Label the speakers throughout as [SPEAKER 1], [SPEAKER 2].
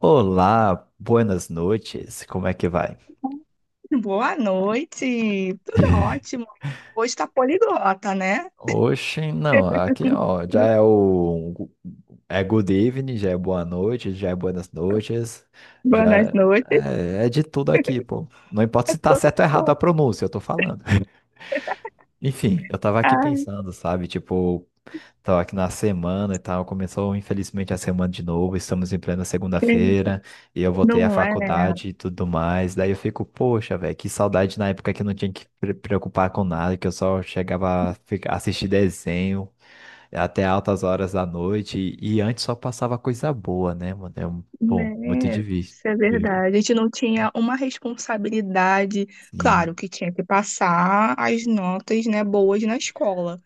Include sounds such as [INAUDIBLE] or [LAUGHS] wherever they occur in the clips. [SPEAKER 1] Olá, buenas noites, como é que vai?
[SPEAKER 2] Boa noite, tudo ótimo. Hoje tá poliglota, né?
[SPEAKER 1] Oxe, não, aqui ó, já é
[SPEAKER 2] [LAUGHS]
[SPEAKER 1] o é good evening, já é boa noite, já é buenas noites,
[SPEAKER 2] Boas
[SPEAKER 1] já
[SPEAKER 2] noites,
[SPEAKER 1] é de tudo aqui, pô. Não importa
[SPEAKER 2] é
[SPEAKER 1] se tá
[SPEAKER 2] todo um
[SPEAKER 1] certo ou errado a
[SPEAKER 2] pouco.
[SPEAKER 1] pronúncia, eu tô falando. [LAUGHS] Enfim, eu tava aqui
[SPEAKER 2] Ai,
[SPEAKER 1] pensando, sabe, tipo, tava aqui na semana e tal, começou infelizmente a semana de novo, estamos em plena
[SPEAKER 2] que-
[SPEAKER 1] segunda-feira, e eu voltei à
[SPEAKER 2] não é,
[SPEAKER 1] faculdade e tudo mais, daí eu fico, poxa, velho, que saudade na época que eu não tinha que preocupar com nada, que eu só chegava a assistir desenho até altas horas da noite, e antes só passava coisa boa, né, mano, é um, bom, muito
[SPEAKER 2] né?
[SPEAKER 1] difícil.
[SPEAKER 2] Isso é verdade. A gente não tinha uma responsabilidade. Claro
[SPEAKER 1] Sim.
[SPEAKER 2] que tinha que passar as notas, né, boas na escola.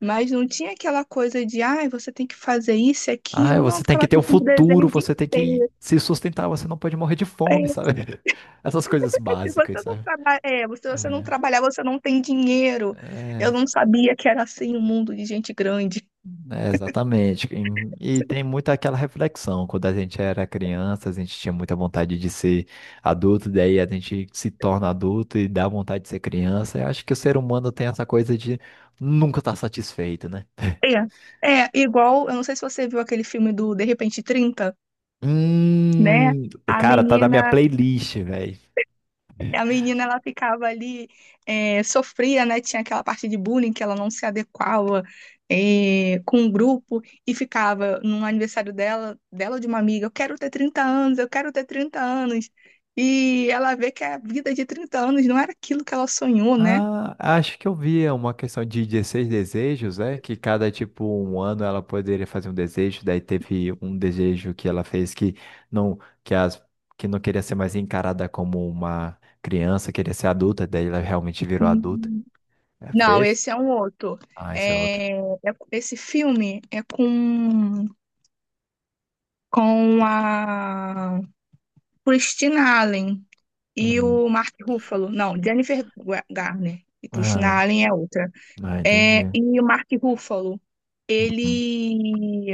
[SPEAKER 2] Mas não tinha aquela coisa de, ai, você tem que fazer isso e
[SPEAKER 1] Ah,
[SPEAKER 2] aquilo. Não,
[SPEAKER 1] você tem
[SPEAKER 2] ficava
[SPEAKER 1] que ter um
[SPEAKER 2] assistindo desenho
[SPEAKER 1] futuro,
[SPEAKER 2] o dia
[SPEAKER 1] você tem
[SPEAKER 2] inteiro.
[SPEAKER 1] que se sustentar, você não pode morrer de fome,
[SPEAKER 2] É.
[SPEAKER 1] sabe? [LAUGHS] Essas coisas
[SPEAKER 2] Se você
[SPEAKER 1] básicas,
[SPEAKER 2] não
[SPEAKER 1] sabe?
[SPEAKER 2] trabalha, é, se você não
[SPEAKER 1] É.
[SPEAKER 2] trabalhar, você não tem dinheiro. Eu
[SPEAKER 1] É,
[SPEAKER 2] não sabia que era assim o um mundo de gente grande.
[SPEAKER 1] é, exatamente. E tem muito aquela reflexão. Quando a gente era criança, a gente tinha muita vontade de ser adulto, daí a gente se torna adulto e dá vontade de ser criança. Eu acho que o ser humano tem essa coisa de nunca estar satisfeito, né?
[SPEAKER 2] É, igual, eu não sei se você viu aquele filme do De Repente 30, né?
[SPEAKER 1] Hum,
[SPEAKER 2] A
[SPEAKER 1] cara, tá na minha
[SPEAKER 2] menina
[SPEAKER 1] playlist, velho.
[SPEAKER 2] A menina, ela ficava ali, sofria, né? Tinha aquela parte de bullying que ela não se adequava, com o grupo e ficava no aniversário dela, dela ou de uma amiga, eu quero ter 30 anos, eu quero ter 30 anos. E ela vê que a vida de 30 anos não era aquilo que ela sonhou, né?
[SPEAKER 1] Ah, acho que eu vi uma questão de 16 desejos, né? Que cada, tipo, um ano ela poderia fazer um desejo, daí teve um desejo que ela fez que não, que as, que não queria ser mais encarada como uma criança, queria ser adulta, daí ela realmente virou adulta.
[SPEAKER 2] Hum.
[SPEAKER 1] É, foi
[SPEAKER 2] Não,
[SPEAKER 1] esse?
[SPEAKER 2] esse é um outro.
[SPEAKER 1] Ah, esse é outro.
[SPEAKER 2] É, esse filme é com, a Christina Allen. E
[SPEAKER 1] Uhum.
[SPEAKER 2] o Mark Ruffalo. Não, Jennifer Garner. E
[SPEAKER 1] Ah,
[SPEAKER 2] Christina Allen é outra.
[SPEAKER 1] ah, entendi.
[SPEAKER 2] É, e o Mark Ruffalo,
[SPEAKER 1] Uhum.
[SPEAKER 2] ele...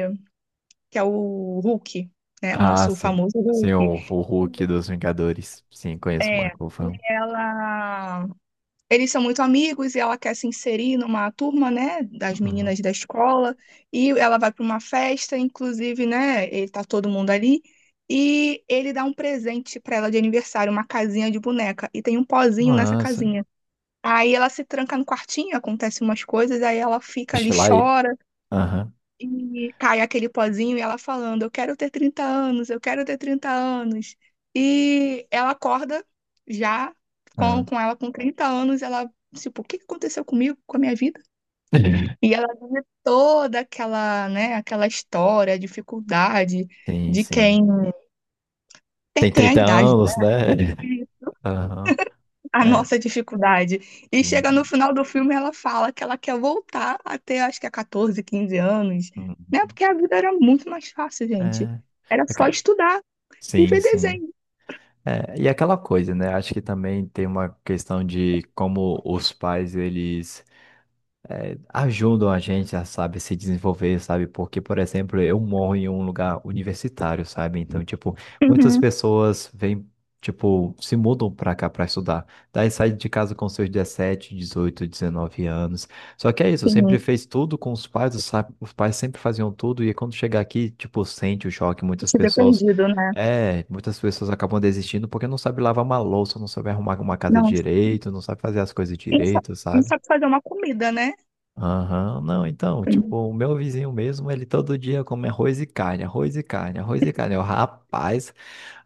[SPEAKER 2] Que é o Hulk, né? O
[SPEAKER 1] Ah,
[SPEAKER 2] nosso
[SPEAKER 1] sim.
[SPEAKER 2] famoso
[SPEAKER 1] Sim,
[SPEAKER 2] Hulk.
[SPEAKER 1] o Hulk dos Vingadores. Sim, conheço o
[SPEAKER 2] É,
[SPEAKER 1] Marco
[SPEAKER 2] e
[SPEAKER 1] Ruffalo.
[SPEAKER 2] ela... Eles são muito amigos e ela quer se inserir numa turma, né? Das
[SPEAKER 1] Uhum.
[SPEAKER 2] meninas da escola. E ela vai para uma festa, inclusive, né? Ele tá todo mundo ali. E ele dá um presente para ela de aniversário, uma casinha de boneca. E tem um
[SPEAKER 1] Que
[SPEAKER 2] pozinho nessa
[SPEAKER 1] massa.
[SPEAKER 2] casinha. Aí ela se tranca no quartinho, acontece umas coisas, aí ela fica ali,
[SPEAKER 1] Sei lá ele.
[SPEAKER 2] chora
[SPEAKER 1] Aham.
[SPEAKER 2] e cai aquele pozinho e ela falando: eu quero ter 30 anos, eu quero ter 30 anos. E ela acorda já com,
[SPEAKER 1] Aham.
[SPEAKER 2] com ela com 30 anos, ela, tipo, o que que aconteceu comigo, com a minha vida?
[SPEAKER 1] [LAUGHS]
[SPEAKER 2] E ela vive toda aquela, né, aquela história, dificuldade
[SPEAKER 1] Sim,
[SPEAKER 2] de
[SPEAKER 1] sim.
[SPEAKER 2] quem
[SPEAKER 1] Tem
[SPEAKER 2] tem a
[SPEAKER 1] 30
[SPEAKER 2] idade, né?
[SPEAKER 1] anos, né? [LAUGHS] Aham.
[SPEAKER 2] A
[SPEAKER 1] É.
[SPEAKER 2] nossa dificuldade. E chega no
[SPEAKER 1] tem-
[SPEAKER 2] final do filme, ela fala que ela quer voltar até acho que é 14, 15 anos, né?
[SPEAKER 1] Uhum.
[SPEAKER 2] Porque a vida era muito mais fácil, gente.
[SPEAKER 1] É.
[SPEAKER 2] Era só
[SPEAKER 1] Aca-
[SPEAKER 2] estudar e
[SPEAKER 1] Sim,
[SPEAKER 2] ver
[SPEAKER 1] sim.
[SPEAKER 2] desenho.
[SPEAKER 1] É, e aquela coisa, né? Acho que também tem uma questão de como os pais, eles ajudam a gente a, sabe, se desenvolver, sabe? Porque, por exemplo, eu moro em um lugar universitário, sabe? Então, tipo, muitas
[SPEAKER 2] Uhum,
[SPEAKER 1] pessoas vêm, tipo, se mudam pra cá pra estudar. Daí sai de casa com seus 17, 18, 19 anos. Só que é isso,
[SPEAKER 2] sim,
[SPEAKER 1] sempre fez tudo com os pais, os pais sempre faziam tudo, e quando chega aqui, tipo, sente o choque, muitas
[SPEAKER 2] se ver
[SPEAKER 1] pessoas.
[SPEAKER 2] perdido, né?
[SPEAKER 1] É, muitas pessoas acabam desistindo porque não sabe lavar uma louça, não sabe arrumar uma casa
[SPEAKER 2] Não,
[SPEAKER 1] direito, não sabe fazer as coisas
[SPEAKER 2] não sa-
[SPEAKER 1] direito,
[SPEAKER 2] não
[SPEAKER 1] sabe?
[SPEAKER 2] sabe fazer uma comida, né?
[SPEAKER 1] Aham. Não, então, tipo, o meu vizinho mesmo, ele todo dia come arroz e carne, arroz e carne, arroz e carne. Eu, rapaz,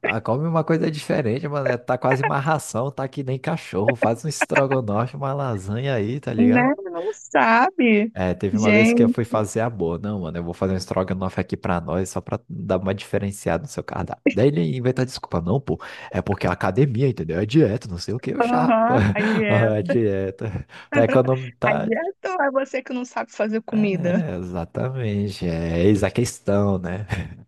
[SPEAKER 1] ah, come uma coisa diferente, mano, é, tá quase uma ração, tá que nem cachorro, faz um estrogonofe, uma lasanha aí, tá ligado?
[SPEAKER 2] Né? Não sabe.
[SPEAKER 1] É, teve uma vez que eu fui
[SPEAKER 2] Gente,
[SPEAKER 1] fazer a boa, não, mano, eu vou fazer um estrogonofe aqui pra nós, só pra dar uma diferenciada no seu cardápio. Daí ele inventa desculpa, não, pô, é porque é academia, entendeu? É dieta, não sei o que, eu chapa,
[SPEAKER 2] aham, a
[SPEAKER 1] [LAUGHS] é
[SPEAKER 2] dieta.
[SPEAKER 1] dieta. Tá economizando.
[SPEAKER 2] A dieta ou é você que não sabe fazer comida?
[SPEAKER 1] É, exatamente. É eis a questão, né? [LAUGHS]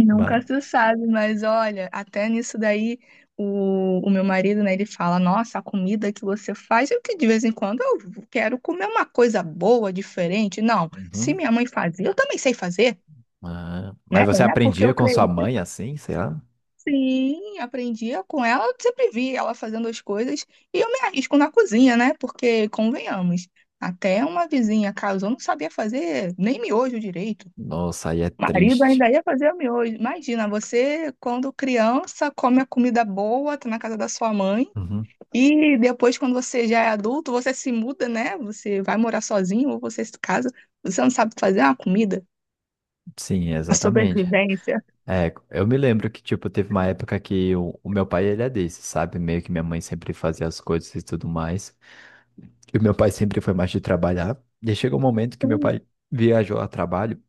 [SPEAKER 2] Nunca
[SPEAKER 1] Mas,
[SPEAKER 2] se sabe, mas olha, até nisso daí, o meu marido, né, ele fala, nossa, a comida que você faz, eu que de vez em quando eu quero comer uma coisa boa, diferente. Não, se
[SPEAKER 1] Uhum.
[SPEAKER 2] minha mãe fazia, eu também sei fazer,
[SPEAKER 1] Ah,
[SPEAKER 2] né?
[SPEAKER 1] mas você
[SPEAKER 2] Não é porque
[SPEAKER 1] aprendia
[SPEAKER 2] eu
[SPEAKER 1] com sua
[SPEAKER 2] cresci.
[SPEAKER 1] mãe assim, sei lá?
[SPEAKER 2] Sim, aprendia com ela, eu sempre vi ela fazendo as coisas, e eu me arrisco na cozinha, né? Porque, convenhamos, até uma vizinha casou, não sabia fazer nem miojo direito.
[SPEAKER 1] Nossa, aí é
[SPEAKER 2] Marido
[SPEAKER 1] triste.
[SPEAKER 2] ainda ia fazer o miojo. Imagina, você, quando criança, come a comida boa, tá na casa da sua mãe,
[SPEAKER 1] Uhum.
[SPEAKER 2] e depois, quando você já é adulto, você se muda, né? Você vai morar sozinho ou você se casa. Você não sabe fazer uma comida?
[SPEAKER 1] Sim,
[SPEAKER 2] A
[SPEAKER 1] exatamente.
[SPEAKER 2] sobrevivência.
[SPEAKER 1] É, eu me lembro que, tipo, teve uma época que o meu pai, ele é desse, sabe? Meio que minha mãe sempre fazia as coisas e tudo mais. E o meu pai sempre foi mais de trabalhar. E aí chegou um momento que meu pai viajou a trabalho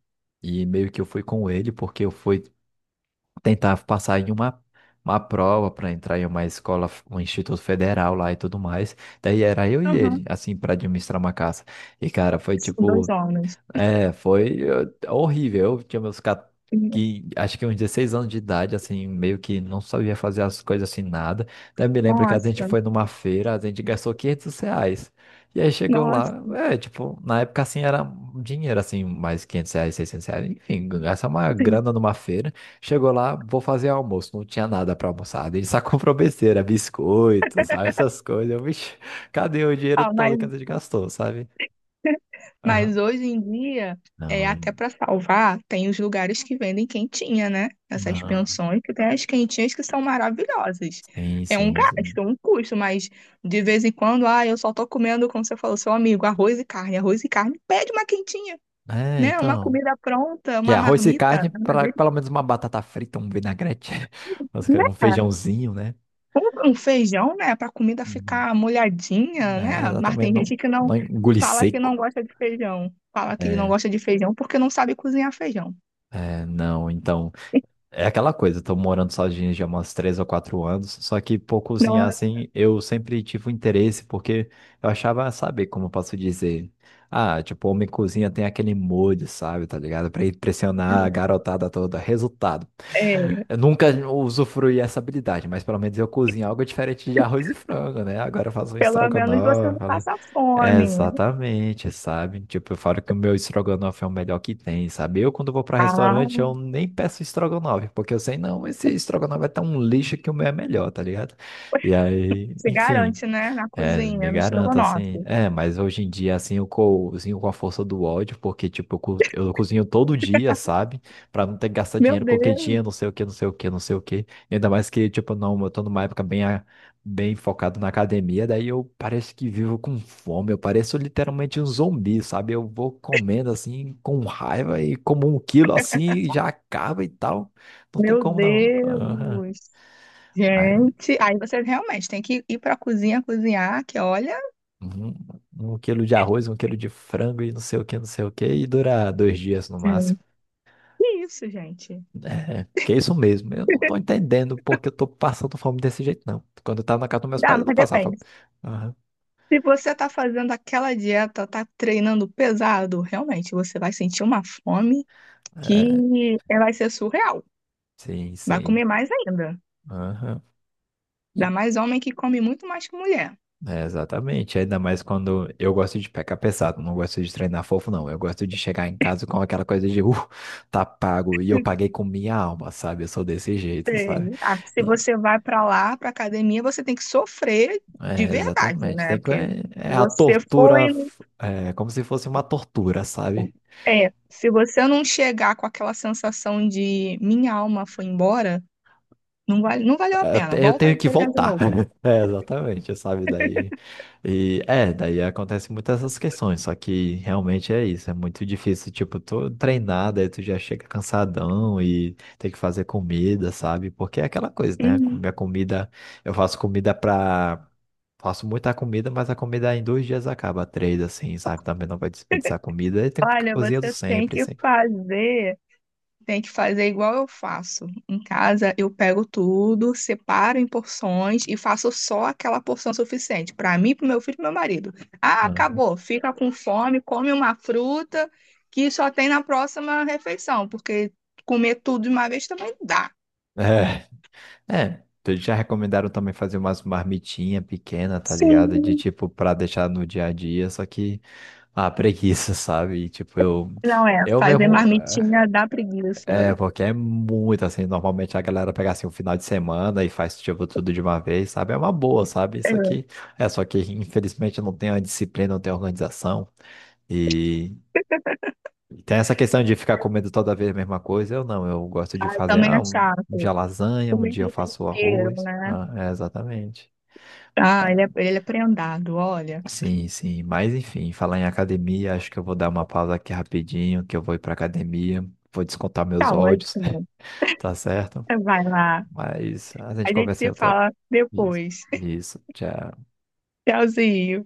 [SPEAKER 1] e meio que eu fui com ele, porque eu fui tentar passar em uma prova para entrar em uma escola, um instituto federal lá e tudo mais. Daí era eu e
[SPEAKER 2] Uhum.
[SPEAKER 1] ele, assim, para administrar uma casa. E, cara, foi
[SPEAKER 2] São dois
[SPEAKER 1] tipo.
[SPEAKER 2] homens.
[SPEAKER 1] É, horrível. Eu tinha que acho que uns 16 anos de idade, assim, meio que não sabia fazer as coisas assim, nada. Daí eu me lembro que a gente
[SPEAKER 2] Nossa,
[SPEAKER 1] foi numa feira, a gente gastou R$ 500. E aí chegou
[SPEAKER 2] nossa.
[SPEAKER 1] lá, é, tipo, na época assim era um dinheiro, assim, mais R$ 500, R$ 600, enfim, gastar uma
[SPEAKER 2] Sim.
[SPEAKER 1] grana numa feira. Chegou lá, vou fazer almoço, não tinha nada pra almoçar. A só [LAUGHS] comprou besteira, biscoito, sabe, essas coisas. Eu, vixe, [LAUGHS] cadê o dinheiro
[SPEAKER 2] Ah, mas
[SPEAKER 1] todo que a gente gastou, sabe? Aham.
[SPEAKER 2] Mas hoje em dia, é
[SPEAKER 1] Não,
[SPEAKER 2] até para salvar, tem os lugares que vendem quentinha, né? Essas
[SPEAKER 1] não,
[SPEAKER 2] pensões que tem as quentinhas que são maravilhosas.
[SPEAKER 1] sim,
[SPEAKER 2] É um
[SPEAKER 1] sim, sim.
[SPEAKER 2] gasto, um custo, mas de vez em quando, ah, eu só tô comendo, como você falou, seu amigo, arroz e carne, pede uma quentinha,
[SPEAKER 1] É,
[SPEAKER 2] né? Uma
[SPEAKER 1] então.
[SPEAKER 2] comida pronta,
[SPEAKER 1] Que é
[SPEAKER 2] uma
[SPEAKER 1] arroz e
[SPEAKER 2] marmita,
[SPEAKER 1] carne,
[SPEAKER 2] uma
[SPEAKER 1] pra,
[SPEAKER 2] delícia,
[SPEAKER 1] pelo menos uma batata frita, um vinagrete, [LAUGHS] mas que é um
[SPEAKER 2] né?
[SPEAKER 1] feijãozinho, né?
[SPEAKER 2] Um feijão, né? Para comida
[SPEAKER 1] Uhum.
[SPEAKER 2] ficar molhadinha,
[SPEAKER 1] É,
[SPEAKER 2] né? Mas
[SPEAKER 1] exatamente,
[SPEAKER 2] tem
[SPEAKER 1] não,
[SPEAKER 2] gente que não
[SPEAKER 1] não engolir
[SPEAKER 2] fala que não
[SPEAKER 1] seco.
[SPEAKER 2] gosta de feijão, fala que não
[SPEAKER 1] É,
[SPEAKER 2] gosta de feijão porque não sabe cozinhar feijão.
[SPEAKER 1] é, não, então. É aquela coisa, eu tô morando sozinho já há umas 3 ou 4 anos, só que por cozinhar assim, eu sempre tive um interesse, porque eu achava, sabe, como eu posso dizer. Ah, tipo, homem cozinha tem aquele molho, sabe, tá ligado? Pra impressionar a garotada toda. Resultado.
[SPEAKER 2] É,
[SPEAKER 1] Eu nunca usufruí essa habilidade, mas pelo menos eu cozinho algo diferente de arroz e frango, né? Agora eu faço um
[SPEAKER 2] pelo menos você
[SPEAKER 1] estrogonofe.
[SPEAKER 2] não passa
[SPEAKER 1] É,
[SPEAKER 2] fome.
[SPEAKER 1] exatamente, sabe? Tipo, eu falo que o meu estrogonofe é o melhor que tem, sabe? Eu, quando vou para
[SPEAKER 2] Ah,
[SPEAKER 1] restaurante, eu nem peço estrogonofe, porque eu sei, não, esse estrogonofe é tão lixo que o meu é melhor, tá ligado? E aí,
[SPEAKER 2] se
[SPEAKER 1] enfim.
[SPEAKER 2] garante, né? Na
[SPEAKER 1] É, me
[SPEAKER 2] cozinha, no
[SPEAKER 1] garanto, assim.
[SPEAKER 2] estrogonofe.
[SPEAKER 1] É, mas hoje em dia, assim, eu cozinho com a força do ódio, porque, tipo, eu cozinho todo dia, sabe? Pra não ter que gastar
[SPEAKER 2] Meu
[SPEAKER 1] dinheiro com
[SPEAKER 2] Deus,
[SPEAKER 1] quentinha, não sei o que, não sei o que, não sei o que. Ainda mais que, tipo, não, eu tô numa época bem, bem focado na academia, daí eu pareço que vivo com fome, eu pareço literalmente um zumbi, sabe? Eu vou comendo, assim, com raiva e como 1 quilo, assim, e já acaba e tal. Não tem
[SPEAKER 2] meu
[SPEAKER 1] como, não. Aham.
[SPEAKER 2] Deus. Gente, aí você realmente tem que ir pra cozinha cozinhar, que olha.
[SPEAKER 1] Um, um quilo de arroz, 1 quilo de frango e não sei o que, não sei o que, e dura 2 dias no
[SPEAKER 2] Hum.
[SPEAKER 1] máximo.
[SPEAKER 2] Que isso, gente?
[SPEAKER 1] É, que é isso mesmo. Eu não tô entendendo porque eu tô passando fome desse jeito, não. Quando eu tava na casa dos meus
[SPEAKER 2] Ah,
[SPEAKER 1] pais, eu não
[SPEAKER 2] mas
[SPEAKER 1] passava fome.
[SPEAKER 2] depende.
[SPEAKER 1] Aham.
[SPEAKER 2] Se você tá fazendo aquela dieta, tá treinando pesado, realmente você vai sentir uma fome
[SPEAKER 1] É,
[SPEAKER 2] que vai ser surreal.
[SPEAKER 1] sim,
[SPEAKER 2] Vai
[SPEAKER 1] sim.
[SPEAKER 2] comer mais ainda.
[SPEAKER 1] Aham.
[SPEAKER 2] Ainda
[SPEAKER 1] E-
[SPEAKER 2] mais homem que come muito mais que mulher.
[SPEAKER 1] é, exatamente. Ainda mais quando eu gosto de pegar pesado, não gosto de treinar fofo, não. Eu gosto de chegar em casa com aquela coisa de, tá pago, e eu paguei com minha alma, sabe? Eu sou desse jeito, sabe?
[SPEAKER 2] Sei. Ah, porque se você vai pra lá, pra academia, você tem que sofrer de
[SPEAKER 1] É,
[SPEAKER 2] verdade,
[SPEAKER 1] exatamente.
[SPEAKER 2] né?
[SPEAKER 1] Tem que,
[SPEAKER 2] Porque
[SPEAKER 1] é, é
[SPEAKER 2] se
[SPEAKER 1] a
[SPEAKER 2] você foi,
[SPEAKER 1] tortura, é como se fosse uma tortura, sabe?
[SPEAKER 2] é, se você não chegar com aquela sensação de minha alma foi embora, não vale, não valeu a
[SPEAKER 1] Eu te-
[SPEAKER 2] pena.
[SPEAKER 1] eu
[SPEAKER 2] Volta aí
[SPEAKER 1] tenho
[SPEAKER 2] e
[SPEAKER 1] que
[SPEAKER 2] treinar de
[SPEAKER 1] voltar.
[SPEAKER 2] novo.
[SPEAKER 1] [LAUGHS] É, exatamente, sabe? Daí. E é, daí acontece muitas essas questões, só que realmente é isso, é muito difícil, tipo, tu treinar, daí tu já chega cansadão e tem que fazer comida, sabe? Porque é aquela coisa, né?
[SPEAKER 2] Uhum.
[SPEAKER 1] Minha comida, eu faço comida pra. Faço muita comida, mas a comida em 2 dias acaba, três, assim, sabe? Também não vai desperdiçar comida, aí tem que ficar
[SPEAKER 2] Olha,
[SPEAKER 1] cozinhando
[SPEAKER 2] você tem
[SPEAKER 1] sempre,
[SPEAKER 2] que
[SPEAKER 1] sempre.
[SPEAKER 2] fazer tem que fazer igual eu faço. Em casa, eu pego tudo, separo em porções e faço só aquela porção suficiente para mim, para meu filho e pro meu marido. Ah,
[SPEAKER 1] Uhum.
[SPEAKER 2] acabou. Fica com fome, come uma fruta que só tem na próxima refeição, porque comer tudo de uma vez também não dá.
[SPEAKER 1] É, é, então eles já recomendaram também fazer umas marmitinhas pequenas, tá ligado? De
[SPEAKER 2] Sim.
[SPEAKER 1] tipo, pra deixar no dia a dia, só que a [LAUGHS] preguiça, sabe? E, tipo, eu,
[SPEAKER 2] Não é,
[SPEAKER 1] eu
[SPEAKER 2] fazer
[SPEAKER 1] mesmo.
[SPEAKER 2] marmitinha dá preguiça.
[SPEAKER 1] É, porque é muito assim. Normalmente a galera pega assim o final de semana e faz tipo tudo de uma vez, sabe? É uma boa, sabe? Isso
[SPEAKER 2] É,
[SPEAKER 1] aqui é, só que infelizmente não tem a disciplina, não tem a organização. E tem essa questão de ficar comendo toda vez a mesma coisa. Eu não, eu gosto de fazer,
[SPEAKER 2] também
[SPEAKER 1] ah,
[SPEAKER 2] é
[SPEAKER 1] um dia
[SPEAKER 2] chato.
[SPEAKER 1] lasanha,
[SPEAKER 2] O
[SPEAKER 1] um dia eu
[SPEAKER 2] mesmo
[SPEAKER 1] faço
[SPEAKER 2] tempero,
[SPEAKER 1] arroz.
[SPEAKER 2] né?
[SPEAKER 1] Ah, é, exatamente.
[SPEAKER 2] Ah, ele é prendado, olha.
[SPEAKER 1] Sim, sim. Mas enfim, falar em academia, acho que eu vou dar uma pausa aqui rapidinho, que eu vou ir pra academia, vou descontar
[SPEAKER 2] Tá
[SPEAKER 1] meus ódios,
[SPEAKER 2] ótimo.
[SPEAKER 1] [LAUGHS] tá certo?
[SPEAKER 2] Vai lá.
[SPEAKER 1] Mas a
[SPEAKER 2] A
[SPEAKER 1] gente
[SPEAKER 2] gente
[SPEAKER 1] conversa em
[SPEAKER 2] se
[SPEAKER 1] outra.
[SPEAKER 2] fala
[SPEAKER 1] Isso,
[SPEAKER 2] depois. [LAUGHS]
[SPEAKER 1] isso, tchau.
[SPEAKER 2] Tchauzinho.